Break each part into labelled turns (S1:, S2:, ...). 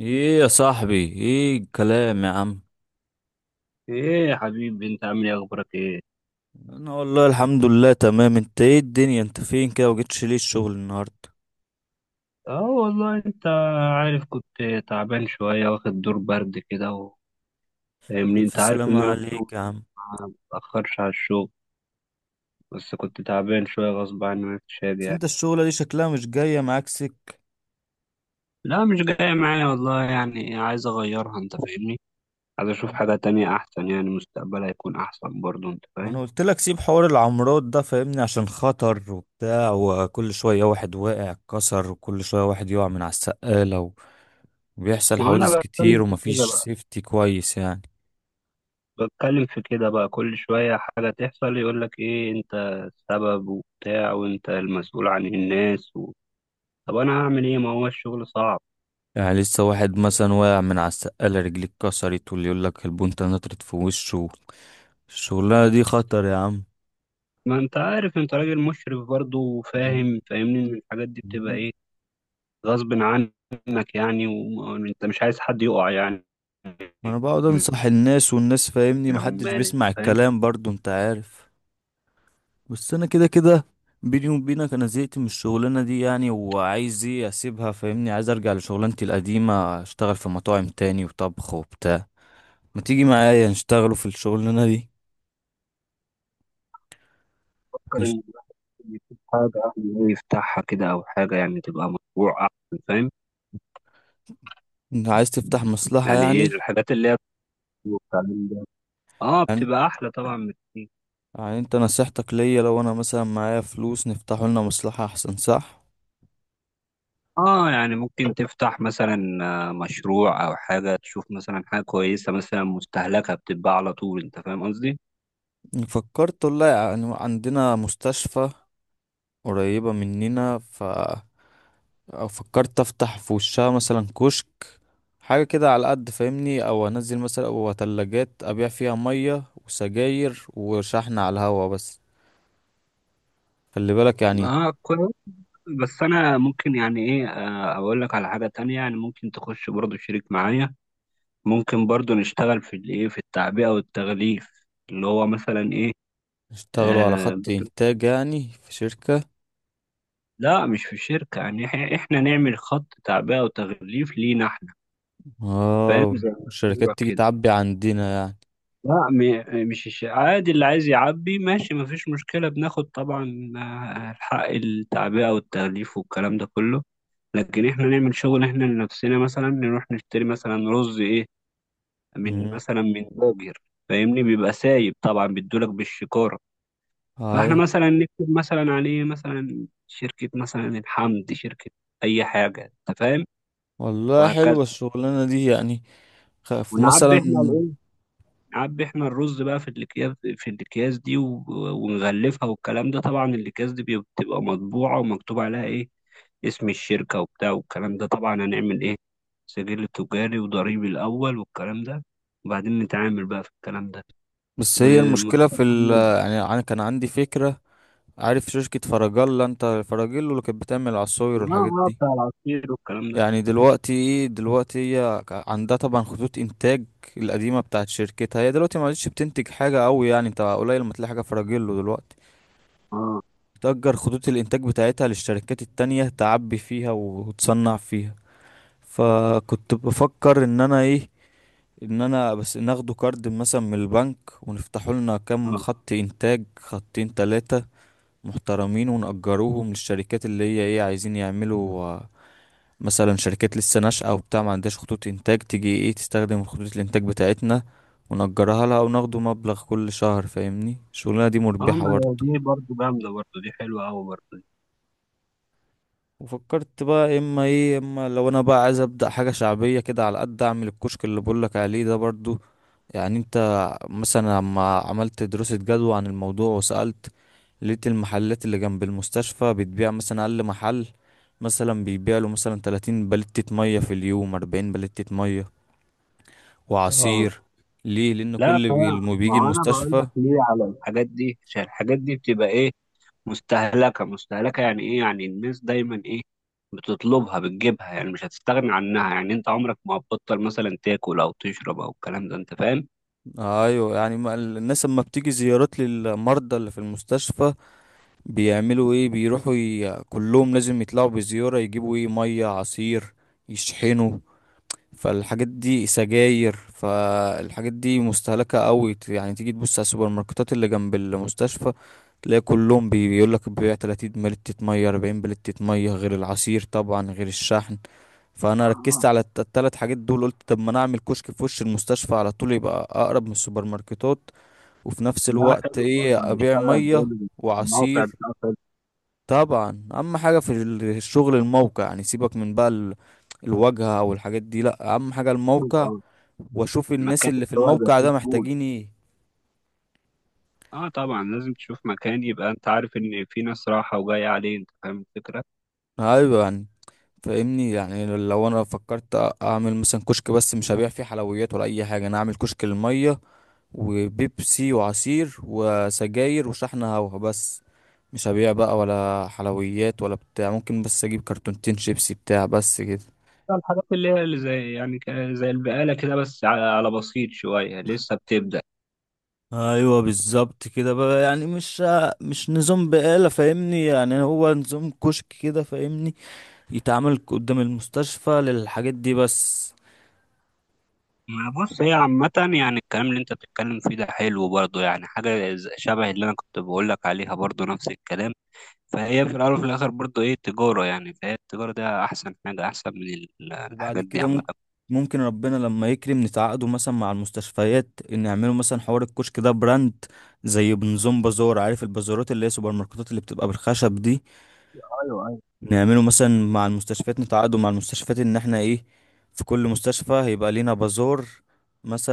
S1: ايه يا صاحبي؟ ايه الكلام يا عم.
S2: ايه يا حبيبي، انت عامل ايه، اخبارك ايه؟
S1: انا والله الحمد لله تمام. انت ايه الدنيا؟ انت فين كده وجيتش ليه الشغل النهارده؟
S2: اه والله، انت عارف كنت تعبان شوية، واخد دور برد كده فاهمني،
S1: الف
S2: انت عارف
S1: سلامة
S2: ان انا الشغل
S1: عليك يا عم.
S2: ما بتأخرش على الشغل، بس كنت تعبان شوية غصب عني، مش هاجي
S1: بس
S2: يعني.
S1: انت الشغلة دي شكلها مش جاية معاك سك.
S2: لا مش جاية معايا والله، يعني عايز اغيرها، انت فاهمني، عايز اشوف حاجة تانية احسن، يعني مستقبلها هيكون احسن برضه، انت
S1: ما
S2: فاهم.
S1: انا قلت لك سيب حوار العمارات ده، فاهمني؟ عشان خطر وبتاع، وكل شوية واحد واقع اتكسر، وكل شوية واحد يقع من على السقالة، وبيحصل
S2: ما انا
S1: حوادث كتير،
S2: بتكلم في كده
S1: ومفيش
S2: بقى،
S1: سيفتي كويس يعني.
S2: بتكلم في كده بقى، كل شوية حاجة تحصل يقولك إيه أنت السبب وبتاع، وأنت المسؤول عن الناس طب أنا هعمل إيه، ما هو الشغل صعب.
S1: يعني لسه واحد مثلا واقع من على السقالة رجليه اتكسرت، واللي يقول لك البنطة نطرت في وشه. الشغلانة دي خطر يا عم.
S2: ما أنت عارف، أنت راجل مشرف برضه وفاهم، فاهمني إن الحاجات دي بتبقى إيه، غصب عنك يعني، وأنت مش عايز حد يقع يعني
S1: ما انا بقعد
S2: من
S1: انصح الناس، والناس فاهمني محدش
S2: العمال، أنت
S1: بيسمع
S2: فاهم.
S1: الكلام برضو، انت عارف. بس انا كده كده بيني وبينك انا زهقت من الشغلانة دي يعني، وعايز ايه اسيبها، فاهمني؟ عايز ارجع لشغلانتي القديمة، اشتغل في مطاعم تاني وطبخ وبتاع. ما تيجي معايا نشتغلوا في الشغلانة دي؟
S2: فكر
S1: نشت...
S2: إن الواحد يشوف حاجة يعني يفتحها كده، أو حاجة يعني تبقى مشروع أحسن، فاهم؟
S1: انت عايز تفتح مصلحة
S2: يعني إيه
S1: يعني؟
S2: الحاجات اللي هي، اه
S1: يعني
S2: بتبقى احلى طبعا بكتير.
S1: يعني انت نصيحتك ليا لو انا مثلا معايا فلوس نفتحوا لنا مصلحة احسن، صح؟
S2: اه يعني ممكن تفتح مثلا آه، مشروع او حاجه تشوف مثلا حاجه كويسه، مثلا مستهلكه بتتباع على طول، انت فاهم قصدي.
S1: فكرت والله يعني، عندنا مستشفى قريبة مننا، ف أو فكرت أفتح في وشها مثلا كشك، حاجة كده على قد فاهمني، أو أنزل مثلا أو تلاجات أبيع فيها مية وسجاير وشحن على الهوا بس. خلي بالك يعني
S2: اه كويس. بس انا ممكن يعني ايه آه، اقول لك على حاجه تانية، يعني ممكن تخش برضو شريك معايا، ممكن برضو نشتغل في الايه، في التعبئه والتغليف، اللي هو مثلا ايه.
S1: اشتغلوا على
S2: آه
S1: خط
S2: بت-
S1: إنتاج يعني في شركة.
S2: لا مش في الشركه، يعني احنا نعمل خط تعبئه وتغليف لينا احنا، فاهم؟
S1: اه،
S2: زي
S1: الشركات
S2: مشروع
S1: تيجي
S2: كده.
S1: تعبي عندنا يعني.
S2: لا مش عادي، اللي عايز يعبي ماشي مفيش مشكلة، بناخد طبعا آه، حق التعبئة والتغليف والكلام ده كله، لكن احنا نعمل شغل احنا لنفسنا. مثلا نروح نشتري مثلا رز ايه، من
S1: مم.
S2: مثلا من باجر، فاهمني بيبقى سايب طبعا، بيدولك بالشكارة. فاحنا
S1: أيوة.
S2: مثلا نكتب مثلا عليه مثلا شركة مثلا الحمد، شركة أي حاجة، أنت فاهم،
S1: والله
S2: وهكذا.
S1: حلوة الشغلانة دي يعني.
S2: ونعبي
S1: مثلا
S2: احنا، عبي احنا الرز بقى في الاكياس، في الاكياس دي ونغلفها والكلام ده، طبعا الاكياس دي بتبقى مطبوعه ومكتوب عليها ايه، اسم الشركه وبتاع والكلام ده. طبعا هنعمل ايه، سجل تجاري وضريبي الاول والكلام ده، وبعدين نتعامل بقى في الكلام ده
S1: بس هي المشكلة في
S2: ومكتبها
S1: ال،
S2: مربى.
S1: يعني أنا كان عندي فكرة. عارف شركة فراجيلا؟ أنت فراجيلو اللي كانت بتعمل عصاير
S2: اه
S1: والحاجات
S2: اه
S1: دي.
S2: بتاع العصير والكلام ده.
S1: يعني دلوقتي إيه، دلوقتي هي عندها طبعا خطوط إنتاج القديمة بتاعت شركتها، هي دلوقتي ما عادش بتنتج حاجة أوي يعني، أنت قليل ما تلاقي حاجة فراجيلو دلوقتي.
S2: اه
S1: بتأجر خطوط الإنتاج بتاعتها للشركات التانية تعبي فيها وتصنع فيها. فكنت بفكر إن أنا إيه، ان انا بس ناخده كارد مثلا من البنك ونفتحوا لنا كام
S2: اه
S1: خط انتاج، خطين تلاتة محترمين، ونأجروهم للشركات اللي هي ايه عايزين يعملوا. آه، مثلا شركات لسه ناشئة وبتاع ما عندهاش خطوط إنتاج، تيجي ايه تستخدم خطوط الإنتاج بتاعتنا، ونأجرها لها وناخده مبلغ كل شهر، فاهمني؟ الشغلانة دي
S2: اه.
S1: مربحة
S2: ما هي
S1: برضه.
S2: دي برضو جامده برضو دي، حلوه قوي برضو دي.
S1: وفكرت بقى اما ايه، اما لو انا بقى عايز ابدا حاجه شعبيه كده على قد، اعمل الكشك اللي بقولك عليه ده برضو. يعني انت مثلا لما عملت دراسة جدوى عن الموضوع وسألت، لقيت المحلات اللي جنب المستشفى بتبيع مثلا، أقل محل مثلا بيبيع له مثلا 30 بلتة مية في اليوم، 40 بلتة مية
S2: اه،
S1: وعصير. ليه؟ لأن
S2: لا
S1: كل اللي
S2: ما
S1: بيجي
S2: هو انا بقول
S1: المستشفى.
S2: لك ليه على الحاجات دي، عشان الحاجات دي بتبقى ايه، مستهلكة مستهلكة. يعني ايه، يعني الناس دايما ايه، بتطلبها بتجيبها، يعني مش هتستغني عنها، يعني انت عمرك ما هتبطل مثلا تاكل او تشرب او الكلام ده، انت فاهم.
S1: أيوه يعني، الناس لما بتيجي زيارات للمرضى اللي في المستشفى بيعملوا إيه؟ بيروحوا كلهم لازم يطلعوا بزيارة يجيبوا إيه، مية عصير يشحنوا. فالحاجات دي سجاير، فالحاجات دي مستهلكة قوي. يعني تيجي تبص على السوبر ماركتات اللي جنب المستشفى، تلاقي كلهم بيقول لك بيبيع 30 بلتة مية 40 بلتة مية، غير العصير طبعا، غير الشحن. فانا ركزت
S2: آه.
S1: على التلات حاجات دول، قلت طب ما انا اعمل كشك في وش المستشفى على طول، يبقى اقرب من السوبر ماركتات. وفي نفس
S2: لا
S1: الوقت
S2: حلو
S1: ايه،
S2: برضه،
S1: ابيع
S2: هنشتغل
S1: مية
S2: جامد. الموقع
S1: وعصير.
S2: بتاع
S1: طبعا اهم حاجه في الشغل الموقع، يعني سيبك من بقى الواجهه او الحاجات دي، لا اهم حاجه
S2: فيسبوك،
S1: الموقع.
S2: اه،
S1: واشوف الناس
S2: مكان.
S1: اللي في
S2: هو يبقى
S1: الموقع
S2: فيه
S1: ده
S2: قبول.
S1: محتاجين ايه.
S2: اه طبعا، لازم تشوف مكان يبقى انت عارف ان في ناس رايحة وجاية عليه، انت فاهم الفكرة.
S1: ايوه يعني، فاهمني؟ يعني لو انا فكرت اعمل مثلا كشك، بس مش هبيع فيه حلويات ولا اي حاجه، انا اعمل كشك للميه وبيبسي وعصير وسجاير وشحن هوا بس. مش هبيع بقى ولا حلويات ولا بتاع، ممكن بس اجيب كرتونتين شيبسي بتاع بس كده.
S2: الحاجات اللي هي اللي زي يعني زي البقالة كده، بس على على بسيط شوية لسه بتبدأ.
S1: ايوه بالظبط كده بقى، يعني مش مش نظام بقالة فاهمني، يعني هو نظام كشك كده فاهمني، يتعامل قدام المستشفى للحاجات دي بس.
S2: ما بص، هي عامة، يعني الكلام اللي انت بتتكلم فيه ده حلو برضه، يعني حاجة شبه اللي انا كنت بقولك عليها برضه، نفس الكلام. فهي في الأول وفي الآخر برضه ايه، تجارة يعني. فهي التجارة ده أحسن حاجة، أحسن من
S1: وبعد
S2: الحاجات دي
S1: كده
S2: عامة.
S1: ممكن، ممكن ربنا لما يكرم نتعاقدوا مثلا مع المستشفيات ان يعملوا مثلا حوار الكشك ده براند، زي بنظام بازار، عارف البازارات اللي هي سوبر ماركتات اللي بتبقى بالخشب دي.
S2: ايوه ايوه.
S1: نعمله مثلا مع المستشفيات، نتعاقدوا مع المستشفيات ان احنا ايه، في كل مستشفى هيبقى لينا بازار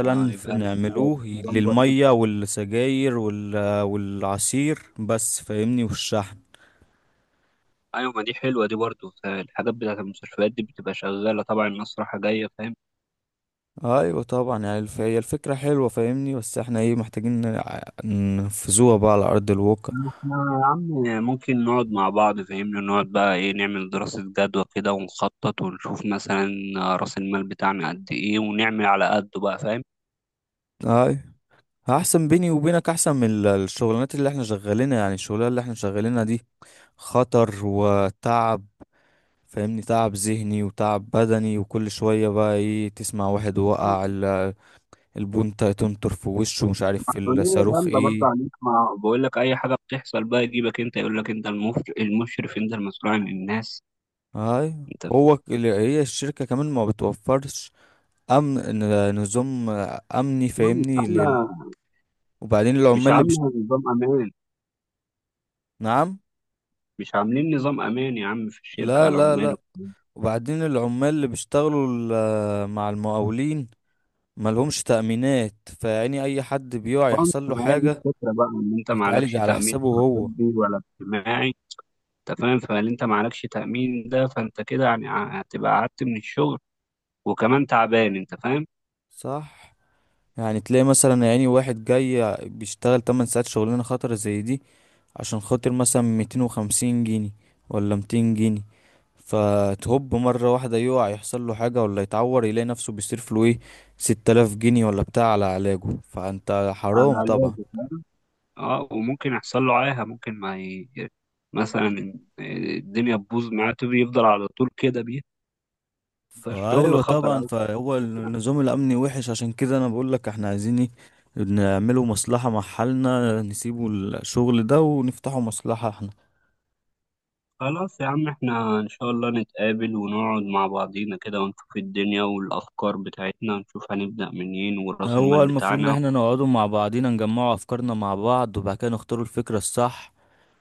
S2: آه، يبقى لك زي
S1: نعملوه
S2: نظام بسيط.
S1: للمية والسجاير والعصير بس فاهمني، والشحن.
S2: ايوه، ما دي حلوة دي برضه. الحاجات بتاعت المستشفيات دي بتبقى شغالة طبعا، الناس رايحة جاية، فاهم؟
S1: ايوه طبعا يعني هي الفكرة حلوة فاهمني، بس احنا ايه محتاجين ننفذوها بقى على ارض الواقع.
S2: إحنا يا عم ممكن نقعد مع بعض، فاهمني، نقعد بقى ايه، نعمل دراسة جدوى كده ونخطط، ونشوف مثلا رأس المال بتاعنا قد ايه، ونعمل على قده بقى، فاهم؟
S1: ايوه احسن، بيني وبينك احسن من الشغلانات اللي احنا شغالينها، يعني الشغلانة اللي احنا شغالينها دي خطر وتعب، فاهمني؟ تعب ذهني وتعب بدني، وكل شوية بقى ايه تسمع واحد
S2: أو
S1: وقع، البونتا تنطر في وشه، مش عارف في
S2: مسؤولية
S1: الصاروخ
S2: جامدة برضه
S1: ايه.
S2: عليك، ما بقول لك أي حاجة بتحصل بقى يجيبك أنت، يقول لك أنت المشرف، المشرف أنت المسؤول عن الناس.
S1: هاي،
S2: أنت
S1: هو هي الشركة كمان ما بتوفرش أمن، نظام أمني
S2: فاهم؟ آه، مش
S1: فاهمني لل...
S2: عاملة،
S1: وبعدين
S2: مش
S1: العمال اللي بيشت...
S2: عاملة نظام أمان.
S1: نعم.
S2: مش عاملين نظام أمان يا عم في الشركة
S1: لا
S2: على
S1: لا
S2: عماله.
S1: لا، وبعدين العمال اللي بيشتغلوا مع المقاولين ملهمش تأمينات، فيعني أي حد بيقع
S2: آه،
S1: يحصل له
S2: ما هي دي
S1: حاجة
S2: الفكرة بقى، إن أنت معلكش
S1: بيتعالج على
S2: تأمين
S1: حسابه
S2: لا
S1: هو.
S2: طبي ولا اجتماعي. تمام، فان انت معلكش تامين ده، فانت كده يعني هتبقى قعدت من الشغل وكمان تعبان، انت فاهم.
S1: صح، يعني تلاقي مثلا، يعني واحد جاي بيشتغل 8 ساعات شغلانة خطرة زي دي، عشان خاطر مثلا 250 جنيه ولا 200 جنيه، فتهب مرة واحدة يقع يحصل له حاجة ولا يتعور، يلاقي نفسه بيصرف له ايه، 6000 جنيه ولا بتاع على علاجه، فانت
S2: على
S1: حرام طبعا.
S2: علاجه، فاهم. اه وممكن يحصل له عاهه، ممكن ما ي... مثلا الدنيا تبوظ معاه، تبي يفضل على طول كده بيه. فالشغل
S1: فايوه
S2: خطر
S1: طبعا،
S2: أوي.
S1: فهو النظام الامني وحش، عشان كده انا بقول لك احنا عايزين ايه، نعمله مصلحة مع حالنا، نسيبه الشغل ده ونفتحه مصلحة.
S2: خلاص يا عم، احنا ان شاء الله نتقابل ونقعد مع بعضينا كده، ونشوف الدنيا والافكار بتاعتنا، ونشوف هنبدأ منين وراس المال
S1: هو المفروض ان
S2: بتاعنا.
S1: احنا نقعدوا مع بعضينا نجمعوا افكارنا مع بعض، وبعد كده نختاروا الفكرة الصح،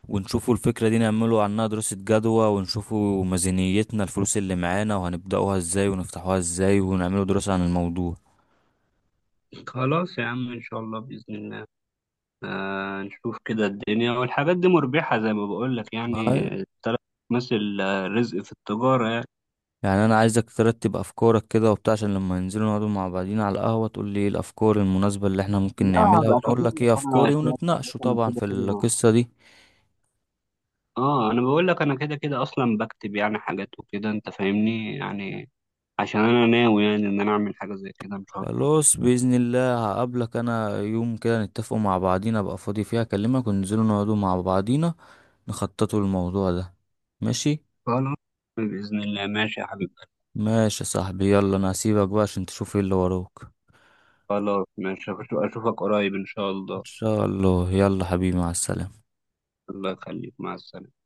S1: ونشوفوا الفكرة دي نعملوا عنها دراسة جدوى، ونشوفوا ميزانيتنا الفلوس اللي معانا، وهنبدأوها ازاي ونفتحوها ازاي، ونعملوا دراسة عن الموضوع.
S2: خلاص يا عم، ان شاء الله بإذن الله. آه، نشوف كده الدنيا، والحاجات دي مربحة زي ما بقول لك، يعني
S1: معايا؟
S2: التلات مثل آه، رزق في التجارة يعني.
S1: يعني انا عايزك ترتب افكارك كده وبتاع، عشان لما ننزلوا نقعدوا مع بعضينا على القهوة تقول لي ايه الافكار المناسبة اللي احنا ممكن
S2: لا،
S1: نعملها، وانا
S2: هبقى
S1: اقول
S2: كاتب
S1: لك
S2: لك
S1: ايه
S2: انا
S1: افكاري،
S2: شوية حاجات،
S1: ونتناقشوا
S2: انا
S1: طبعا
S2: كده
S1: في
S2: كده.
S1: القصة دي.
S2: اه انا بقول لك انا كده كده اصلا بكتب يعني حاجات وكده، انت فاهمني يعني، عشان انا ناوي يعني ان انا اعمل حاجة زي كده ان شاء الله.
S1: خلاص بإذن الله، هقابلك أنا يوم كده نتفقوا مع بعضينا، أبقى فاضي فيها أكلمك وننزلوا نقعدوا مع بعضينا نخططوا الموضوع ده. ماشي.
S2: خلاص بإذن الله، ماشي يا حبيبي.
S1: ماشي يا صاحبي، يلا أنا هسيبك بقى عشان تشوف ايه اللي وراك.
S2: خلاص ماشي، اشوفك قريب ان شاء
S1: إن
S2: الله.
S1: شاء الله، يلا حبيبي، مع السلامة.
S2: الله يخليك، مع السلامة.